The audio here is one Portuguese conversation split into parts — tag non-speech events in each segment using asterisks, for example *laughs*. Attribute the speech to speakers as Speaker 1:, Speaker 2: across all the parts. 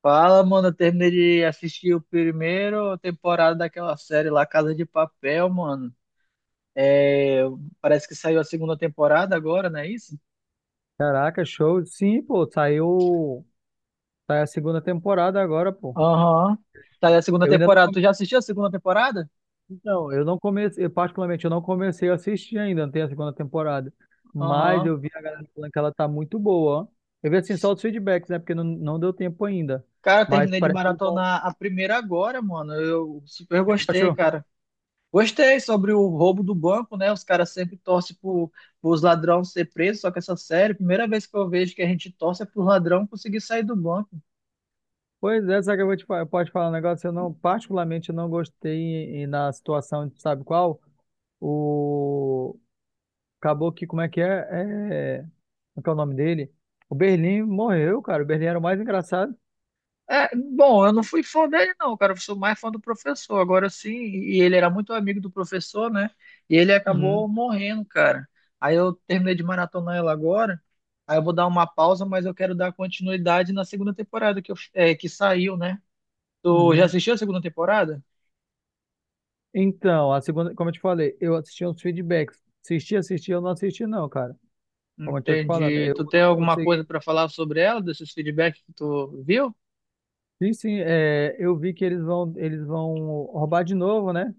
Speaker 1: Fala, mano. Eu terminei de assistir o primeiro temporada daquela série lá, Casa de Papel, mano. É, parece que saiu a segunda temporada agora, não é isso?
Speaker 2: Caraca, show. Sim, pô, saiu, sai a segunda temporada agora, pô.
Speaker 1: Aham. Saiu a segunda
Speaker 2: Eu ainda não,
Speaker 1: temporada. Tu já assistiu a segunda temporada?
Speaker 2: então, eu não comecei, eu, particularmente eu não comecei a assistir ainda, não tem a segunda temporada. Mas
Speaker 1: Aham.
Speaker 2: eu vi a galera falando que ela tá muito boa, ó. Eu vi assim só os feedbacks, né, porque não deu tempo ainda.
Speaker 1: Cara, eu
Speaker 2: Mas
Speaker 1: terminei de
Speaker 2: parece que eles vão, O
Speaker 1: maratonar a primeira agora, mano. Eu super
Speaker 2: que tu
Speaker 1: gostei,
Speaker 2: achou?
Speaker 1: cara. Gostei sobre o roubo do banco, né? Os caras sempre torcem pros ladrões ser presos, só que essa série, primeira vez que eu vejo que a gente torce é pro ladrão conseguir sair do banco.
Speaker 2: Pois é, só que eu vou te falar, pode falar um negócio, eu não, particularmente eu não gostei e, na situação, sabe qual? O Acabou que, como é que é? É. Como é que é o nome dele? O Berlim morreu, cara. O Berlim era o mais engraçado.
Speaker 1: É, bom, eu não fui fã dele, não, cara. Eu sou mais fã do professor. Agora sim, e ele era muito amigo do professor, né? E ele acabou
Speaker 2: Uhum,
Speaker 1: morrendo, cara. Aí eu terminei de maratonar ela agora. Aí eu vou dar uma pausa, mas eu quero dar continuidade na segunda temporada que, é, que saiu, né? Tu já
Speaker 2: uhum.
Speaker 1: assistiu a segunda temporada?
Speaker 2: Então, a segunda, como eu te falei, eu assisti uns feedbacks. Eu não assisti, não, cara. Como eu tô te falando,
Speaker 1: Entendi.
Speaker 2: eu
Speaker 1: Tu tem
Speaker 2: não
Speaker 1: alguma coisa
Speaker 2: consegui.
Speaker 1: pra falar sobre ela, desses feedbacks que tu viu?
Speaker 2: Sim, sim, é, eu vi que eles vão roubar de novo, né?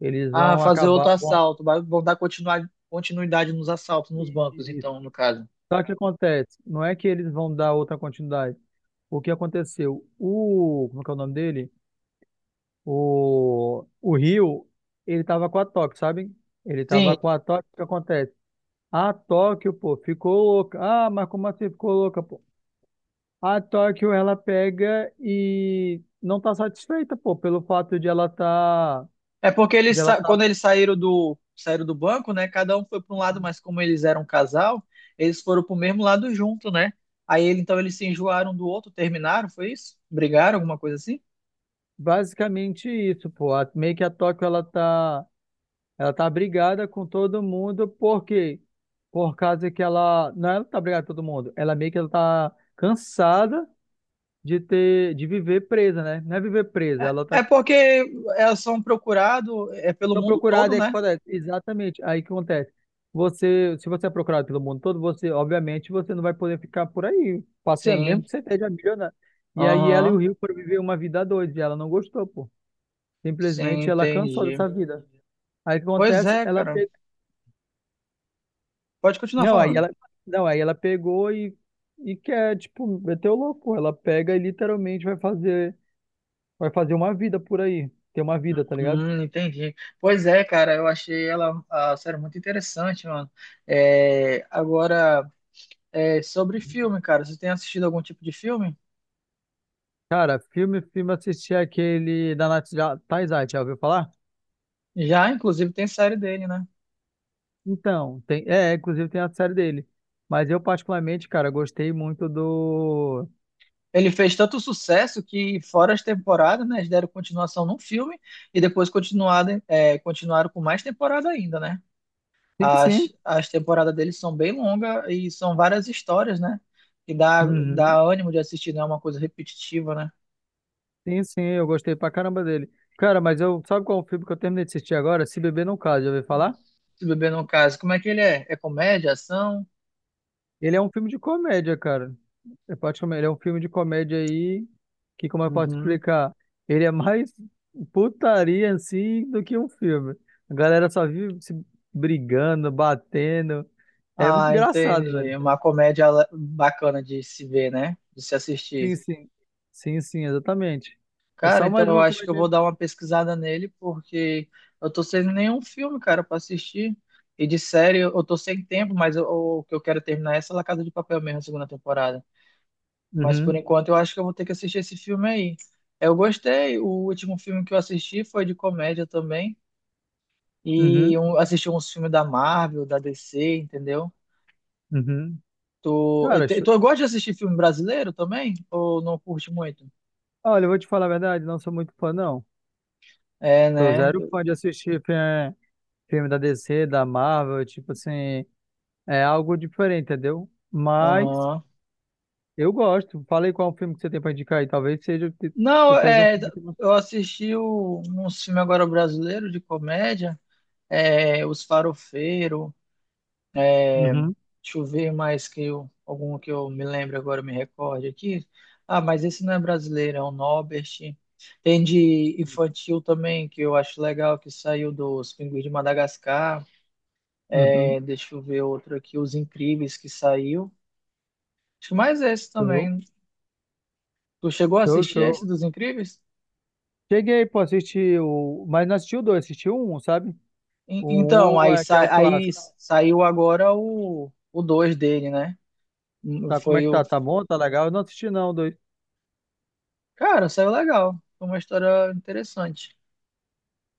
Speaker 2: Eles
Speaker 1: Ah,
Speaker 2: vão
Speaker 1: fazer
Speaker 2: acabar.
Speaker 1: outro assalto. Vão dar continuidade nos assaltos, nos bancos,
Speaker 2: E-
Speaker 1: então, no caso.
Speaker 2: Só que acontece, não é que eles vão dar outra continuidade. O que aconteceu? O, como é que é o nome dele? O Rio, ele tava com a Tóquio, sabe? Ele tava
Speaker 1: Sim.
Speaker 2: com a Tóquio, o que acontece? A Tóquio, pô, ficou louca. Ah, mas como assim ficou louca, pô? A Tóquio, ela pega e não tá satisfeita, pô, pelo fato
Speaker 1: É porque
Speaker 2: de
Speaker 1: eles,
Speaker 2: ela tá
Speaker 1: quando eles saíram saíram do banco, né? Cada um foi para um lado, mas como eles eram um casal, eles foram para o mesmo lado junto, né? Aí então eles se enjoaram do outro, terminaram, foi isso? Brigaram, alguma coisa assim?
Speaker 2: basicamente isso, pô. Meio que a Tóquio, ela tá brigada com todo mundo, por quê? Por causa que ela, não, é ela tá brigada com todo mundo, ela meio que ela tá cansada de ter, de viver presa, né? Não é viver presa,
Speaker 1: É,
Speaker 2: ela
Speaker 1: é
Speaker 2: tá
Speaker 1: porque elas são procurados é, pelo
Speaker 2: tão
Speaker 1: mundo todo,
Speaker 2: procurada, é que
Speaker 1: né?
Speaker 2: acontece. Exatamente, aí que acontece. Você, se você é procurado pelo mundo todo, você, obviamente, você não vai poder ficar por aí passeando, mesmo
Speaker 1: Sim,
Speaker 2: que você esteja milionário. E aí ela e o
Speaker 1: aham,
Speaker 2: Rio foram viver uma vida doida, e ela não gostou, pô.
Speaker 1: sim,
Speaker 2: Simplesmente ela cansou
Speaker 1: entendi.
Speaker 2: dessa vida. Aí o que
Speaker 1: Pois
Speaker 2: acontece?
Speaker 1: é,
Speaker 2: Ela
Speaker 1: cara.
Speaker 2: pe...
Speaker 1: Pode continuar
Speaker 2: não, aí
Speaker 1: falando.
Speaker 2: ela não, aí ela pegou e quer, tipo, meter o louco. Ela pega e literalmente vai fazer uma vida por aí. Ter uma vida, tá ligado?
Speaker 1: Entendi. Pois é, cara, eu achei ela, a série muito interessante, mano. É, agora. É, sobre filme, cara. Você tem assistido algum tipo de filme?
Speaker 2: Cara, filme, assisti aquele da Taizai, já ouviu falar?
Speaker 1: Já, inclusive, tem série dele, né?
Speaker 2: Então, tem, é, inclusive tem a série dele. Mas eu particularmente, cara, gostei muito do...
Speaker 1: Ele fez tanto sucesso que, fora as temporadas, né, eles deram continuação num filme e depois continuado, é, continuaram com mais temporada ainda, né?
Speaker 2: Sim, sim.
Speaker 1: As temporadas dele são bem longas e são várias histórias, né? Que dá,
Speaker 2: Uhum.
Speaker 1: dá ânimo de assistir, não é uma coisa repetitiva, né?
Speaker 2: Sim, sim, eu gostei pra caramba dele. Cara, mas eu, sabe qual é o filme que eu terminei de assistir agora? Se Beber Não Case, já ouviu falar?
Speaker 1: Se beber no caso, como é que ele é? É comédia, ação?
Speaker 2: Ele é um filme de comédia, cara. Ele é um filme de comédia aí que, como eu posso
Speaker 1: Uhum.
Speaker 2: explicar, ele é mais putaria em si do que um filme. A galera só vive se brigando, batendo. É muito
Speaker 1: Ah,
Speaker 2: engraçado,
Speaker 1: entendi.
Speaker 2: velho.
Speaker 1: Uma comédia bacana de se ver, né? De se assistir.
Speaker 2: Sim, sim. Sim, sim, exatamente. É
Speaker 1: Cara,
Speaker 2: só
Speaker 1: então
Speaker 2: mais
Speaker 1: eu
Speaker 2: uma
Speaker 1: acho que eu
Speaker 2: comédia.
Speaker 1: vou dar uma pesquisada nele, porque eu tô sem nenhum filme, cara, pra assistir. E de série eu tô sem tempo, mas o que eu quero terminar é essa La Casa de Papel mesmo, a segunda temporada. Mas por
Speaker 2: Uhum,
Speaker 1: enquanto eu acho que eu vou ter que assistir esse filme aí. Eu gostei, o último filme que eu assisti foi de comédia também. E
Speaker 2: uhum,
Speaker 1: um, assisti uns filmes da Marvel, da DC, entendeu?
Speaker 2: uhum.
Speaker 1: Tu, eu,
Speaker 2: Cara, cho-
Speaker 1: tu gosta de assistir filme brasileiro também? Ou não curte muito?
Speaker 2: olha, eu vou te falar a verdade, não sou muito fã, não.
Speaker 1: É,
Speaker 2: Sou
Speaker 1: né?
Speaker 2: zero fã de assistir filme da DC, da Marvel, tipo assim. É algo diferente, entendeu? Mas
Speaker 1: Aham.
Speaker 2: eu gosto. Falei qual é o filme que você tem pra indicar aí. Talvez seja que tu
Speaker 1: Não,
Speaker 2: esteja um
Speaker 1: é,
Speaker 2: filme que...
Speaker 1: eu assisti o, um filme agora brasileiro de comédia, é, Os Farofeiro,
Speaker 2: Uhum,
Speaker 1: deixa eu ver mais que eu, algum que eu me lembro agora, me recorde aqui. Ah, mas esse não é brasileiro, é o Norbert. Tem de infantil também, que eu acho legal, que saiu dos Pinguins de Madagascar.
Speaker 2: uhum.
Speaker 1: É, deixa eu ver outro aqui, Os Incríveis, que saiu. Acho que mais esse
Speaker 2: Show,
Speaker 1: também. Tu chegou a
Speaker 2: show,
Speaker 1: assistir esse
Speaker 2: show.
Speaker 1: dos Incríveis?
Speaker 2: Cheguei, pô, assistir o... Mas não assisti o dois, assisti o um, sabe?
Speaker 1: Então,
Speaker 2: O um
Speaker 1: aí,
Speaker 2: é que é o
Speaker 1: aí
Speaker 2: clássico.
Speaker 1: saiu agora o 2 dele, né?
Speaker 2: Tá, como é
Speaker 1: Foi
Speaker 2: que
Speaker 1: o.
Speaker 2: tá? Tá bom? Tá legal? Eu não assisti não, o dois.
Speaker 1: Cara, saiu legal. Foi uma história interessante.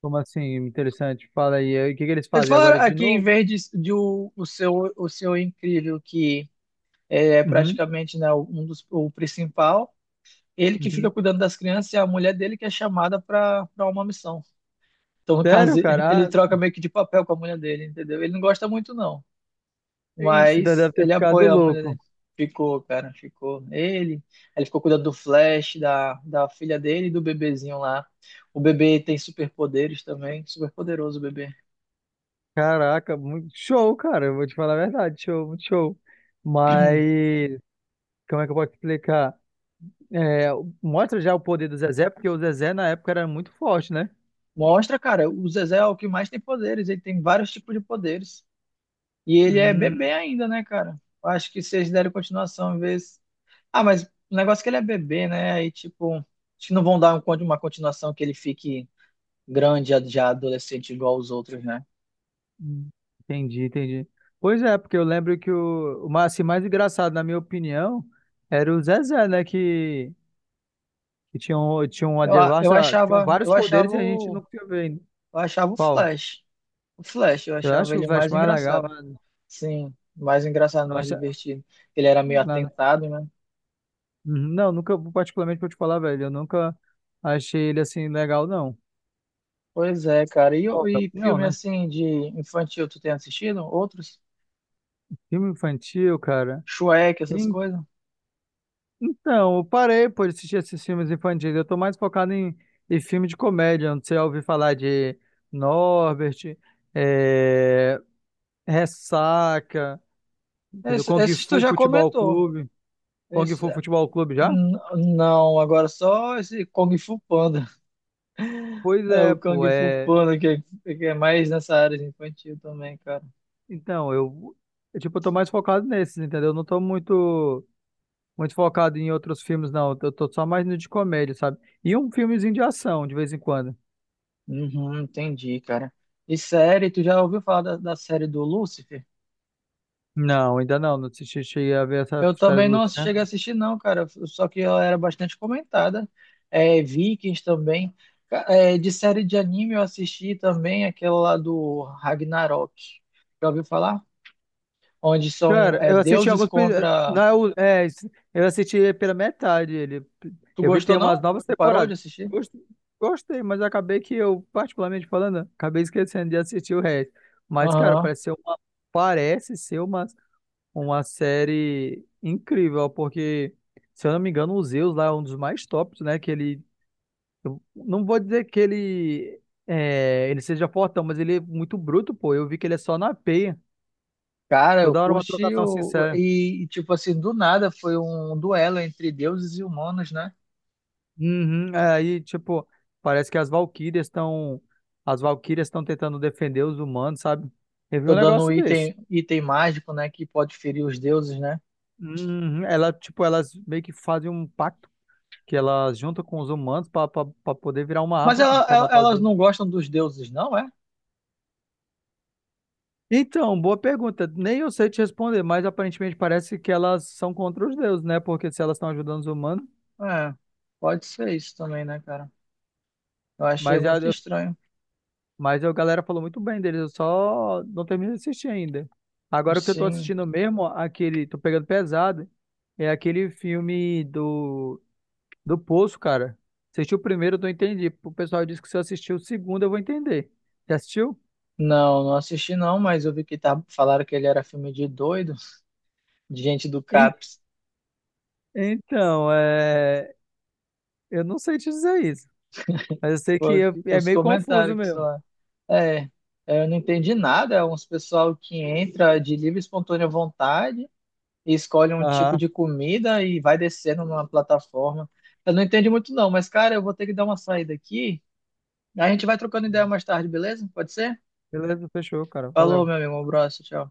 Speaker 2: Como assim? Interessante. Fala aí. O que que eles
Speaker 1: Eles
Speaker 2: fazem agora
Speaker 1: falaram
Speaker 2: de
Speaker 1: aqui, em
Speaker 2: novo?
Speaker 1: vez de, o seu o seu incrível, que é
Speaker 2: Uhum,
Speaker 1: praticamente né, um dos, o principal, ele que
Speaker 2: uhum.
Speaker 1: fica cuidando das crianças e a mulher dele que é chamada para uma missão. Então, no
Speaker 2: Sério,
Speaker 1: caso, *laughs*
Speaker 2: cara?
Speaker 1: ele
Speaker 2: Ah,
Speaker 1: troca meio que de papel com a mulher dele, entendeu? Ele não gosta muito, não.
Speaker 2: ixi, então
Speaker 1: Mas
Speaker 2: deve ter
Speaker 1: ele
Speaker 2: ficado
Speaker 1: apoia muito,
Speaker 2: louco.
Speaker 1: né? Ficou, cara, ficou. Ele ficou cuidando do Flash, da filha dele e do bebezinho lá. O bebê tem superpoderes também, super poderoso o bebê.
Speaker 2: Caraca, muito show, cara. Eu vou te falar a verdade, show, muito show. Mas como é que eu posso explicar? É, mostra já o poder do Zezé, porque o Zezé na época era muito forte, né?
Speaker 1: Mostra, cara, o Zezé é o que mais tem poderes, ele tem vários tipos de poderes. E ele é bebê
Speaker 2: Hum,
Speaker 1: ainda, né, cara? Acho que se eles derem continuação, às vezes. Ah, mas o negócio é que ele é bebê, né? Aí, tipo, acho que não vão dar uma continuação que ele fique grande, já já adolescente, igual os outros, né?
Speaker 2: entendi, entendi. Pois é, porque eu lembro que assim, mais engraçado, na minha opinião, era o Zezé, né? Que tinha, tinha uma
Speaker 1: Eu, eu
Speaker 2: devasta, tinham
Speaker 1: achava,
Speaker 2: vários poderes e a gente não tinha vendo.
Speaker 1: eu achava o
Speaker 2: Qual?
Speaker 1: Flash. O Flash, eu
Speaker 2: Eu acho
Speaker 1: achava
Speaker 2: que o
Speaker 1: ele
Speaker 2: Flash
Speaker 1: mais
Speaker 2: é mais legal.
Speaker 1: engraçado.
Speaker 2: Né?
Speaker 1: Sim, mais engraçado, mais divertido. Ele era meio
Speaker 2: Nossa,
Speaker 1: atentado, né?
Speaker 2: uhum. Não, nunca, particularmente pra eu te falar, velho, eu nunca achei ele assim legal, não.
Speaker 1: Pois é, cara. E,
Speaker 2: Nova.
Speaker 1: e
Speaker 2: Opinião,
Speaker 1: filme
Speaker 2: né?
Speaker 1: assim de infantil, tu tem assistido? Outros?
Speaker 2: Filme infantil, cara.
Speaker 1: Shrek, essas
Speaker 2: En-
Speaker 1: coisas?
Speaker 2: Então, eu parei por assistir esses filmes infantis. Eu tô mais focado em filme de comédia, onde você já ouviu falar de Norbert, é, Ressaca, entendeu?
Speaker 1: Esse-
Speaker 2: Kung
Speaker 1: esses, tu
Speaker 2: Fu
Speaker 1: já
Speaker 2: Futebol
Speaker 1: comentou.
Speaker 2: Clube. Kung
Speaker 1: Esse,
Speaker 2: Fu Futebol Clube já?
Speaker 1: n- não, agora só esse Kung Fu Panda. *laughs*
Speaker 2: Pois
Speaker 1: É
Speaker 2: é,
Speaker 1: o
Speaker 2: pô.
Speaker 1: Kung Fu
Speaker 2: É...
Speaker 1: Panda que é mais nessa área de infantil também, cara.
Speaker 2: Então, tipo, eu tô mais focado nesses, entendeu? Eu não tô muito. Muito focado em outros filmes, não. Eu tô só mais no de comédia, sabe? E um filmezinho de ação, de vez em quando.
Speaker 1: Uhum, entendi, cara. E série, tu já ouviu falar da, da série do Lúcifer?
Speaker 2: Não, ainda não. Não assisti, cheguei a ver essa
Speaker 1: Eu
Speaker 2: série
Speaker 1: também
Speaker 2: do
Speaker 1: não cheguei a
Speaker 2: Luciano.
Speaker 1: assistir, não, cara. Só que ela era bastante comentada. É, Vikings também. É, de série de anime eu assisti também aquela lá do Ragnarok. Já ouviu falar? Onde são
Speaker 2: Cara,
Speaker 1: é,
Speaker 2: eu assisti
Speaker 1: deuses
Speaker 2: alguns. Pe-
Speaker 1: contra.
Speaker 2: Não, é o- é, eu assisti pela metade ele.
Speaker 1: Tu
Speaker 2: Eu vi que tem
Speaker 1: gostou,
Speaker 2: umas
Speaker 1: não?
Speaker 2: novas
Speaker 1: Tu parou de
Speaker 2: temporadas.
Speaker 1: assistir?
Speaker 2: Gost- Gostei, mas acabei que eu, particularmente falando, acabei esquecendo de assistir o resto. Mas, cara,
Speaker 1: Aham.
Speaker 2: parece ser uma, uma série incrível, porque, se eu não me engano, o Zeus lá é um dos mais tops, né? Que ele eu não vou dizer que ele é, ele seja fortão, mas ele é muito bruto, pô. Eu vi que ele é só na peia.
Speaker 1: Cara, eu
Speaker 2: Toda hora uma
Speaker 1: curti
Speaker 2: trocação
Speaker 1: o...
Speaker 2: sincera.
Speaker 1: e, tipo assim, do nada foi um duelo entre deuses e humanos, né?
Speaker 2: Uhum, é, aí, tipo, parece que as Valquírias estão tentando defender os humanos, sabe? Eu vi
Speaker 1: Tô
Speaker 2: um
Speaker 1: dando um
Speaker 2: negócio desse.
Speaker 1: item, item mágico, né? Que pode ferir os deuses, né?
Speaker 2: Uhum, ela, tipo, elas meio que fazem um pacto que elas juntam com os humanos pra poder virar uma arma
Speaker 1: Mas
Speaker 2: pra matar os
Speaker 1: elas
Speaker 2: deuses.
Speaker 1: não gostam dos deuses, não é?
Speaker 2: Então, boa pergunta. Nem eu sei te responder, mas aparentemente parece que elas são contra os deuses, né? Porque se elas estão ajudando os humanos,
Speaker 1: É, pode ser isso também, né, cara? Eu achei
Speaker 2: Mas, já
Speaker 1: muito
Speaker 2: eu-
Speaker 1: estranho.
Speaker 2: mas a galera falou muito bem deles, eu só não terminei de assistir ainda. Agora o que eu tô
Speaker 1: Sim.
Speaker 2: assistindo mesmo, aquele, tô pegando pesado, é aquele filme do Poço, cara. Assisti o primeiro, eu não entendi. O pessoal disse que se eu assistir o segundo, eu vou entender. Já assistiu?
Speaker 1: Não, não assisti não, mas eu vi que tá, falaram que ele era filme de doido, de gente do
Speaker 2: En-
Speaker 1: CAPS.
Speaker 2: Então, é, eu não sei te dizer isso, mas eu sei
Speaker 1: Foi
Speaker 2: que
Speaker 1: o
Speaker 2: é
Speaker 1: os
Speaker 2: meio confuso
Speaker 1: comentários que
Speaker 2: mesmo.
Speaker 1: lá. É, é, eu não entendi nada. É uns pessoal que entra de livre e espontânea vontade e escolhe um tipo
Speaker 2: Aham,
Speaker 1: de comida e vai descendo numa plataforma. Eu não entendi muito não, mas cara, eu vou ter que dar uma saída aqui. A gente vai trocando ideia mais tarde, beleza? Pode ser?
Speaker 2: beleza, fechou, cara,
Speaker 1: Falou,
Speaker 2: valeu.
Speaker 1: meu amigo, um abraço, tchau.